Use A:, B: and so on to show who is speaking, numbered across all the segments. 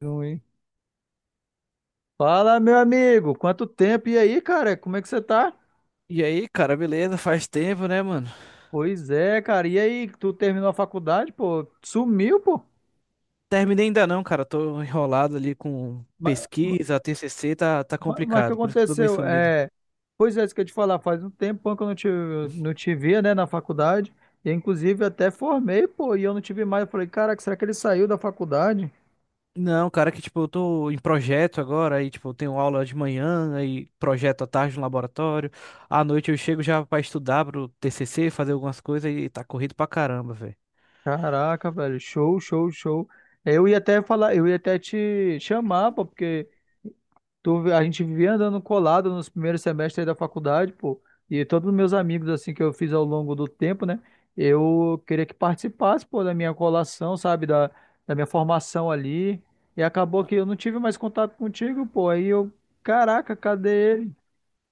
A: Ruim. Fala, meu amigo, quanto tempo? E aí, cara, como é que você tá?
B: E aí, cara, beleza? Faz tempo, né, mano?
A: Pois é, cara, e aí, tu terminou a faculdade, pô? Sumiu, pô?
B: Terminei ainda não, cara. Tô enrolado ali com
A: Mas,
B: pesquisa, TCC, tá
A: o que
B: complicado. Por isso que eu tô meio
A: aconteceu?
B: sumido.
A: É, pois é, isso que eu ia te falar, faz um tempão que eu não te via, né, na faculdade, e inclusive até formei, pô, e eu não tive mais, eu falei, caraca, será que ele saiu da faculdade?
B: Não, cara, que tipo, eu tô em projeto agora, aí tipo, eu tenho aula de manhã, aí projeto à tarde no laboratório. À noite eu chego já pra estudar pro TCC, fazer algumas coisas e tá corrido pra caramba, velho.
A: Caraca, velho, show, show, show. Eu ia até falar, eu ia até te chamar, pô, porque a gente vivia andando colado nos primeiros semestres da faculdade, pô. E todos os meus amigos, assim, que eu fiz ao longo do tempo, né? Eu queria que participasse, pô, da minha colação, sabe? Da, da minha formação ali. E acabou que eu não tive mais contato contigo, pô. Aí eu, caraca, cadê ele?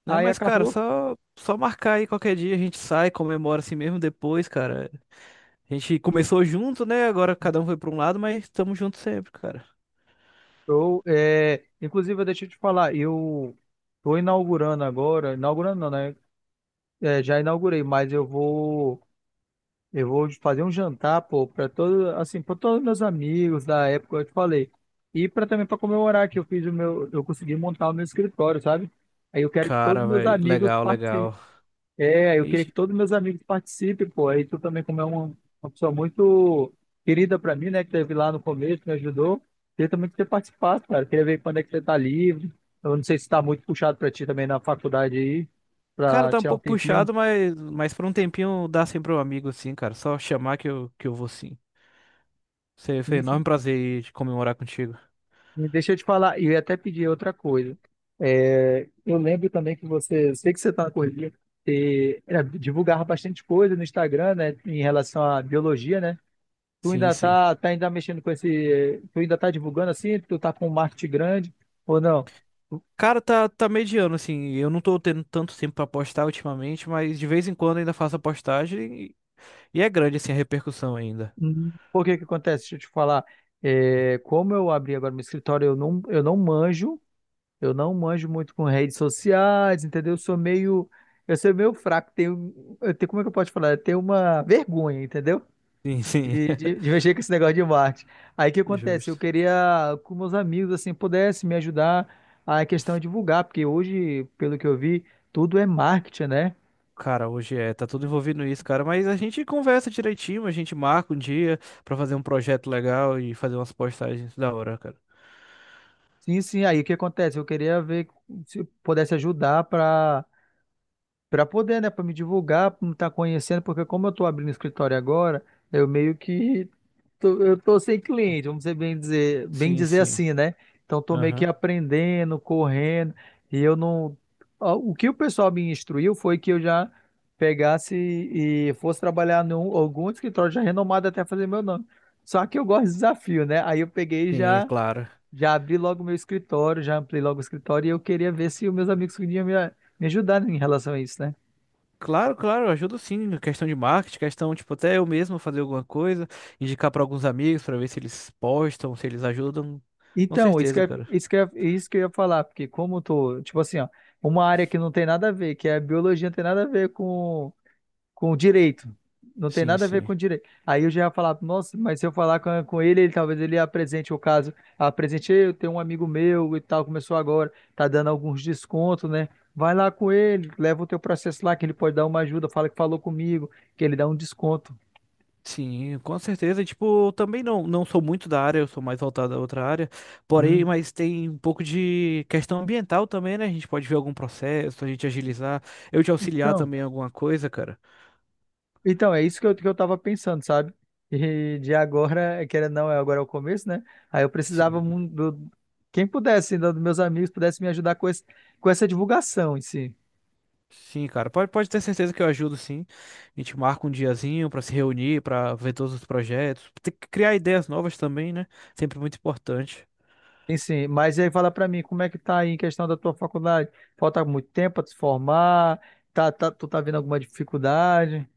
B: Não,
A: Aí
B: mas, cara,
A: acabou.
B: só marcar aí qualquer dia, a gente sai, comemora assim mesmo depois, cara. A gente começou junto, né? Agora cada um foi pra um lado, mas estamos juntos sempre, cara.
A: Eu, é, inclusive, deixa eu te falar, eu tô inaugurando agora, inaugurando não, né? É, já inaugurei, mas eu vou. Eu vou fazer um jantar, pô, assim, para todos meus amigos da época, eu te falei. E para também para comemorar que eu fiz o meu, eu consegui montar o meu escritório, sabe? Aí eu quero que todos
B: Cara,
A: meus
B: velho,
A: amigos
B: legal,
A: participem.
B: legal.
A: É, eu queria que
B: Ixi,
A: todos meus amigos participem, pô. Aí tu também, como é uma pessoa muito querida para mim, né, que teve lá no começo, me ajudou. Queria também que você participasse, cara. Queria ver quando é que você tá livre. Eu não sei se tá muito puxado para ti também na faculdade aí,
B: cara,
A: para
B: tá um
A: tirar um
B: pouco
A: tempinho.
B: puxado, mas por um tempinho dá sempre um amigo, assim cara. Só chamar que eu vou sim. Foi um
A: Sim,
B: enorme
A: sim.
B: prazer de comemorar contigo.
A: E deixa eu te falar, e eu ia até pedir outra coisa. É, eu lembro também que você, sei que você está na correria, divulgava bastante coisa no Instagram, né, em relação à biologia, né? Tu
B: Sim,
A: ainda
B: sim.
A: tá ainda mexendo com esse, tu ainda tá divulgando assim, tu tá com um marketing grande ou não?
B: Cara, tá mediano, assim. Eu não tô tendo tanto tempo pra postar ultimamente, mas de vez em quando ainda faço a postagem e é grande, assim, a repercussão ainda.
A: Por que que acontece? Deixa eu te falar. É, como eu abri agora meu escritório, eu não manjo. Eu não manjo muito com redes sociais, entendeu? Eu sou meio fraco. Eu tenho, como é que eu posso falar? Eu tenho uma vergonha, entendeu?
B: Sim, sim.
A: De mexer com esse negócio de marketing. Aí o que acontece? Eu
B: Justo.
A: queria que meus amigos assim pudessem me ajudar a questão de divulgar, porque hoje, pelo que eu vi, tudo é marketing, né?
B: Cara, hoje é, tá tudo envolvido nisso, cara, mas a gente conversa direitinho, a gente marca um dia pra fazer um projeto legal e fazer umas postagens da hora, cara.
A: Sim, sim. Aí o que acontece? Eu queria ver se pudesse ajudar para pra poder, né, pra me divulgar, pra me estar conhecendo, porque como eu tô abrindo escritório agora, eu meio que tô, eu tô sem cliente, vamos dizer bem dizer, bem
B: Sim,
A: dizer
B: sim.
A: assim, né? Então tô meio que
B: Aham.
A: aprendendo, correndo, e eu não. Ó, o que o pessoal me instruiu foi que eu já pegasse e fosse trabalhar em algum escritório já renomado até fazer meu nome. Só que eu gosto de desafio, né? Aí eu peguei e
B: Sim,
A: já
B: claro.
A: já abri logo meu escritório, já ampliei logo o escritório e eu queria ver se os meus amigos podiam me ajudar em relação a isso, né?
B: Claro, claro, eu ajudo sim, questão de marketing, questão, tipo, até eu mesmo fazer alguma coisa, indicar pra alguns amigos pra ver se eles postam, se eles ajudam. Com
A: Então,
B: certeza, cara.
A: isso que eu ia falar, porque como eu tô, tipo assim, ó, uma área que não tem nada a ver, que é a biologia, não tem nada a ver com o direito. Não tem
B: Sim,
A: nada a ver
B: sim.
A: com, o direito. Aí eu já ia falar, nossa, mas se eu falar com, com ele ele talvez ele apresente o caso. Apresente, "Ei, eu tenho um amigo meu e tal, começou agora, tá dando alguns descontos, né? Vai lá com ele, leva o teu processo lá, que ele pode dar uma ajuda, fala que falou comigo, que ele dá um desconto."
B: Sim, com certeza. Tipo, eu também não sou muito da área, eu sou mais voltado a outra área. Porém,
A: Uhum.
B: mas tem um pouco de questão ambiental também, né? A gente pode ver algum processo, a gente agilizar, eu te auxiliar
A: Então.
B: também em alguma coisa, cara.
A: Então, é isso que eu tava pensando, sabe? E de agora, querendo ou não, é agora é o começo, né? Aí eu precisava
B: Sim.
A: do, quem pudesse, ainda dos meus amigos, pudesse me ajudar com essa divulgação em si.
B: Sim, cara. Pode ter certeza que eu ajudo, sim. A gente marca um diazinho pra se reunir, pra ver todos os projetos. Tem que criar ideias novas também, né? Sempre muito importante.
A: Em si. Mas e aí fala pra mim, como é que tá aí em questão da tua faculdade? Falta muito tempo pra te formar? Tá, tu tá vendo alguma dificuldade?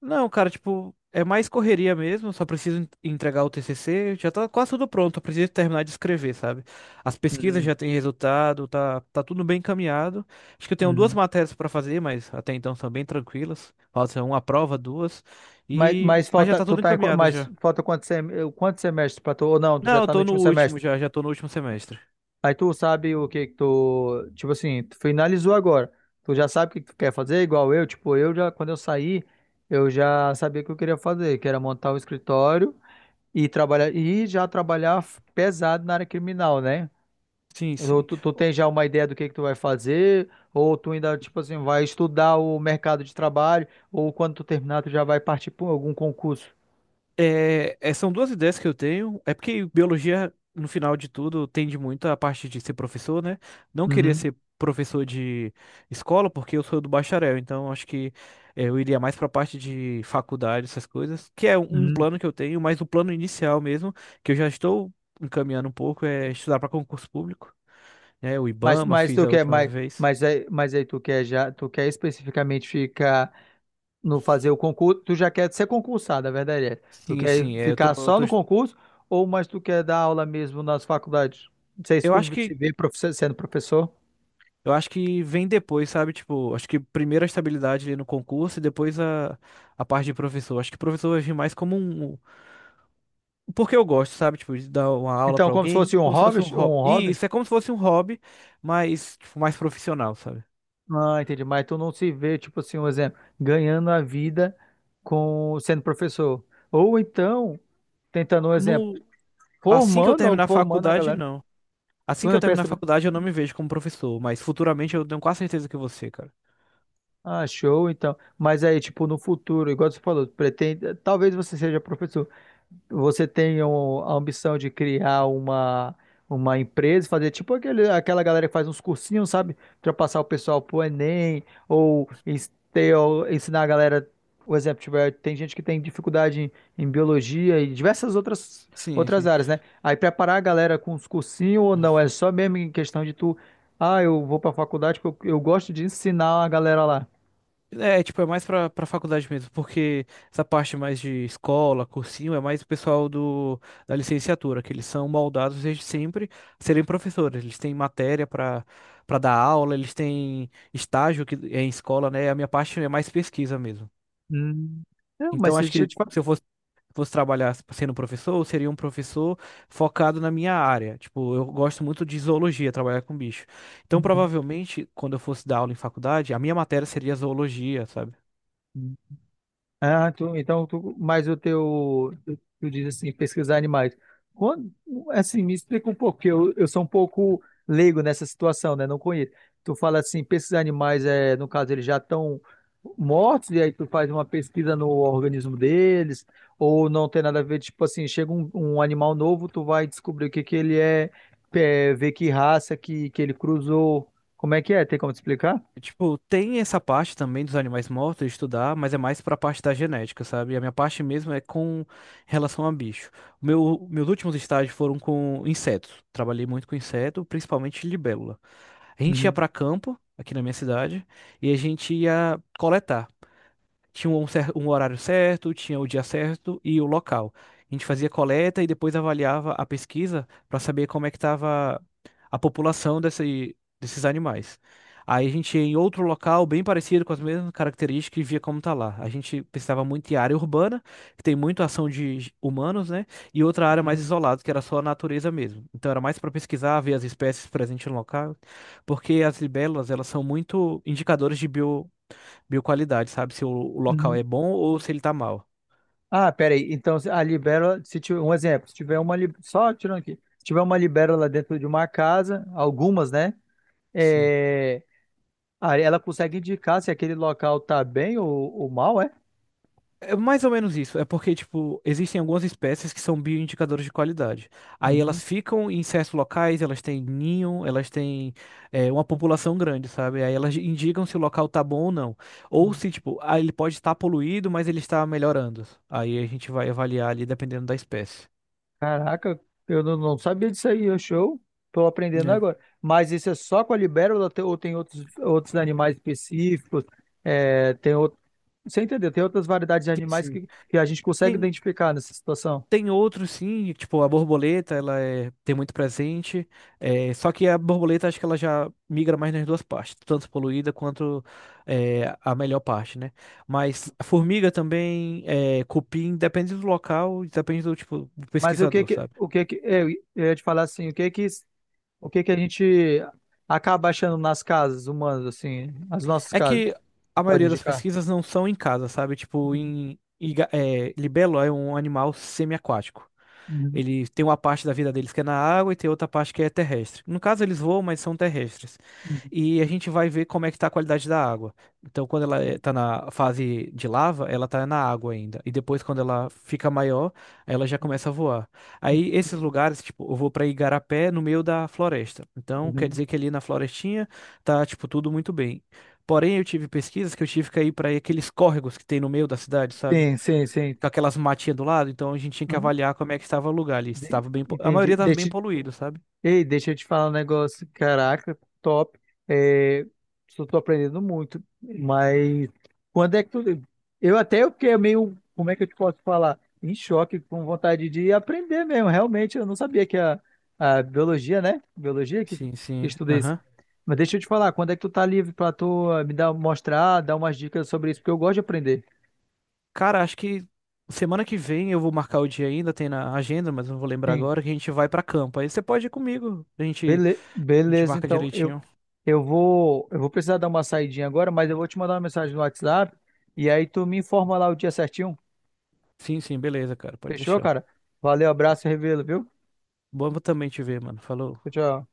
B: Não, cara, tipo, é mais correria mesmo. Só preciso entregar o TCC. Já tá quase tudo pronto. Eu preciso terminar de escrever, sabe? As pesquisas
A: Uhum,
B: já têm resultado, tá tudo bem encaminhado. Acho que eu tenho duas
A: uhum.
B: matérias pra fazer, mas até então são bem tranquilas. Falta uma prova, duas.
A: Mas, mas
B: Mas já
A: falta,
B: tá
A: tu
B: tudo
A: tá em,
B: encaminhado
A: mas
B: já.
A: falta quantos, quantos semestres pra tu? Ou não, tu já
B: Não, eu
A: tá no
B: tô no
A: último
B: último
A: semestre?
B: já tô no último semestre.
A: Aí tu sabe o que que tu, tipo assim, tu finalizou agora. Tu já sabe o que que tu quer fazer, igual eu, tipo, eu já, quando eu saí, eu já sabia o que eu queria fazer, que era montar um escritório e trabalhar, e já trabalhar pesado na área criminal, né?
B: Sim,
A: Ou
B: sim.
A: tu tem já uma ideia do que tu vai fazer, ou tu ainda, tipo assim, vai estudar o mercado de trabalho, ou quando tu terminar, tu já vai partir para algum concurso.
B: São duas ideias que eu tenho. É porque biologia, no final de tudo, tende muito à parte de ser professor, né? Não queria
A: Uhum,
B: ser professor de escola, porque eu sou do bacharel, então acho que é, eu iria mais para a parte de faculdade, essas coisas, que é um
A: uhum.
B: plano que eu tenho, mas o plano inicial mesmo, que eu já estou encaminhando um pouco, é estudar para concurso público, né? O
A: Mas,
B: IBAMA,
A: mas
B: fiz
A: tu
B: a
A: quer,
B: última vez.
A: mas aí tu quer já, tu quer especificamente ficar no fazer o concurso, tu já quer ser concursado, a verdade é. Tu
B: Sim,
A: quer
B: sim, é,
A: ficar só no concurso ou mas tu quer dar aula mesmo nas faculdades? Não sei se
B: eu
A: tu
B: acho
A: se
B: que
A: vê sendo professor.
B: Eu acho que vem depois, sabe? Tipo, acho que primeiro a estabilidade ali no concurso e depois a parte de professor. Acho que professor vai vir mais como um. Porque eu gosto, sabe? Tipo, de dar uma aula
A: Então,
B: pra
A: como se
B: alguém,
A: fosse um
B: como se
A: hobby,
B: fosse um
A: um
B: hobby. E
A: hobby?
B: isso é como se fosse um hobby, mas, tipo, mais profissional, sabe?
A: Ah, entendi. Mas tu não se vê, tipo assim, um exemplo, ganhando a vida com sendo professor. Ou então, tentando um exemplo,
B: No... Assim que eu
A: formando,
B: terminar a
A: formando a
B: faculdade,
A: galera.
B: não.
A: Tu
B: Assim que
A: não
B: eu terminar a
A: pensa,
B: faculdade, eu não me vejo como professor, mas futuramente eu tenho quase certeza que você, cara.
A: ah, show, então. Mas aí, tipo, no futuro, igual você falou, pretende, talvez você seja professor. Você tem a ambição de criar uma, empresa, fazer tipo aquela galera que faz uns cursinhos, sabe? Pra passar o pessoal pro Enem, ou ter ensinar a galera, por exemplo, tiver, tem gente que tem dificuldade em, em biologia e diversas outras,
B: Sim,
A: outras
B: sim.
A: áreas, né? Aí preparar a galera com uns cursinhos ou não, é só mesmo em questão de tu, ah, eu vou pra faculdade porque eu gosto de ensinar a galera lá.
B: É, tipo, é mais pra, pra faculdade mesmo, porque essa parte mais de escola, cursinho, é mais o pessoal do, da licenciatura, que eles são moldados desde sempre a serem professores. Eles têm matéria pra, pra dar aula, eles têm estágio que é em escola, né? A minha parte é mais pesquisa mesmo.
A: Hum, não, mas
B: Então, acho
A: deixa eu
B: que
A: te falar.
B: se eu fosse trabalhar sendo professor, eu seria um professor focado na minha área. Tipo, eu gosto muito de zoologia, trabalhar com bicho. Então, provavelmente, quando eu fosse dar aula em faculdade, a minha matéria seria zoologia, sabe?
A: Ah, tu, então, tu, mas o teu, tu diz assim, pesquisar animais. Quando, assim, me explica um pouco, porque eu sou um pouco leigo nessa situação, né? Não conheço. Tu fala assim, pesquisar animais, é, no caso, eles já estão mortos, e aí tu faz uma pesquisa no organismo deles, ou não tem nada a ver, tipo assim, chega um, animal novo, tu vai descobrir o que que ele é, ver que raça que ele cruzou. Como é que é? Tem como te explicar?
B: Tipo, tem essa parte também dos animais mortos de estudar, mas é mais pra parte da genética, sabe? A minha parte mesmo é com relação a bicho. O meu, meus últimos estágios foram com insetos. Trabalhei muito com inseto, principalmente libélula. A gente ia
A: Uhum.
B: pra campo, aqui na minha cidade, e a gente ia coletar. Tinha um horário certo, tinha o dia certo e o local. A gente fazia coleta e depois avaliava a pesquisa para saber como é que estava a população desses animais. Aí a gente ia em outro local bem parecido com as mesmas características e via como tá lá. A gente pensava muito em área urbana, que tem muita ação de humanos, né? E outra área mais
A: Uhum.
B: isolada, que era só a natureza mesmo. Então era mais para pesquisar, ver as espécies presentes no local, porque as libélulas, elas são muito indicadores de bioqualidade, sabe? Se o local
A: Uhum.
B: é bom ou se ele tá mal.
A: Ah, peraí. Então, a libélula, se tiver um exemplo, se tiver só tirando aqui, se tiver uma libélula dentro de uma casa, algumas, né?
B: Sim.
A: É, aí ela consegue indicar se aquele local tá bem ou mal, é?
B: É mais ou menos isso. É porque, tipo, existem algumas espécies que são bioindicadores de qualidade. Aí elas
A: Uhum.
B: ficam em certos locais, elas têm ninho, elas têm uma população grande, sabe? Aí elas indicam se o local tá bom ou não. Ou se, tipo, ah, ele pode estar poluído, mas ele está melhorando. Aí a gente vai avaliar ali dependendo da espécie.
A: Caraca, eu não sabia disso aí, é show. Tô aprendendo
B: É.
A: agora. Mas isso é só com a libélula ou tem outros, outros animais específicos? É, tem outro, você entendeu? Tem outras variedades de
B: Sim,
A: animais
B: sim.
A: que a gente consegue
B: Tem-
A: identificar nessa situação.
B: Tem outros sim, tipo a borboleta, ela tem muito presente. É, só que a borboleta acho que ela já migra mais nas duas partes, tanto poluída quanto a melhor parte, né? Mas a formiga também, cupim, depende do local, depende do tipo do
A: Mas o que
B: pesquisador,
A: que,
B: sabe?
A: o que que, eu ia te falar assim, o que que a gente acaba achando nas casas humanas, assim, as nossas
B: É
A: casas,
B: que a
A: pode
B: maioria das
A: indicar?
B: pesquisas não são em casa, sabe? Tipo, em libelo é um animal semi aquático.
A: Uhum,
B: Ele tem uma parte da vida deles que é na água e tem outra parte que é terrestre. No caso, eles voam, mas são terrestres.
A: uhum,
B: E a gente vai ver como é que está a qualidade da água. Então, quando ela
A: entendi,
B: está na fase de lava, ela está na água ainda. E depois, quando ela fica maior, ela já começa a voar. Aí, esses
A: entendi.
B: lugares, tipo, eu vou para Igarapé, no meio da floresta. Então, quer
A: Uhum.
B: dizer que ali na florestinha tá, tipo, tudo muito bem. Porém, eu tive pesquisas que eu tive que ir para aqueles córregos que tem no meio da cidade, sabe?
A: Sim, sim, sim.
B: Com aquelas matinhas do lado, então a gente tinha que
A: Hum,
B: avaliar como é que estava o lugar ali. Estava bem, a maioria
A: entendi.
B: estava bem poluído, sabe?
A: Ei, deixa eu te falar um negócio. Caraca, top. É, só tô aprendendo muito. Mas quando é que tu. Eu fiquei meio. Como é que eu te posso falar? Em choque, com vontade de aprender mesmo. Realmente, eu não sabia que a biologia, né? Biologia que,
B: Sim,
A: que
B: sim.
A: estuda isso.
B: Aham.
A: Mas deixa eu te falar, quando é que tu tá livre pra tu me dar, mostrar, dar umas dicas sobre isso? Porque eu gosto de aprender.
B: Cara, acho que semana que vem eu vou marcar o dia ainda, tem na agenda, mas não vou lembrar
A: Sim.
B: agora, que a gente vai pra campo. Aí você pode ir comigo.
A: Bele-
B: A gente
A: beleza,
B: marca
A: então eu,
B: direitinho.
A: eu vou eu vou precisar dar uma saidinha agora, mas eu vou te mandar uma mensagem no WhatsApp e aí tu me informa lá o dia certinho.
B: Sim, sim, beleza, cara. Pode
A: Fechou,
B: deixar.
A: cara? Valeu, abraço e revelo, viu?
B: Bom também te ver, mano. Falou.
A: Tchau, tchau.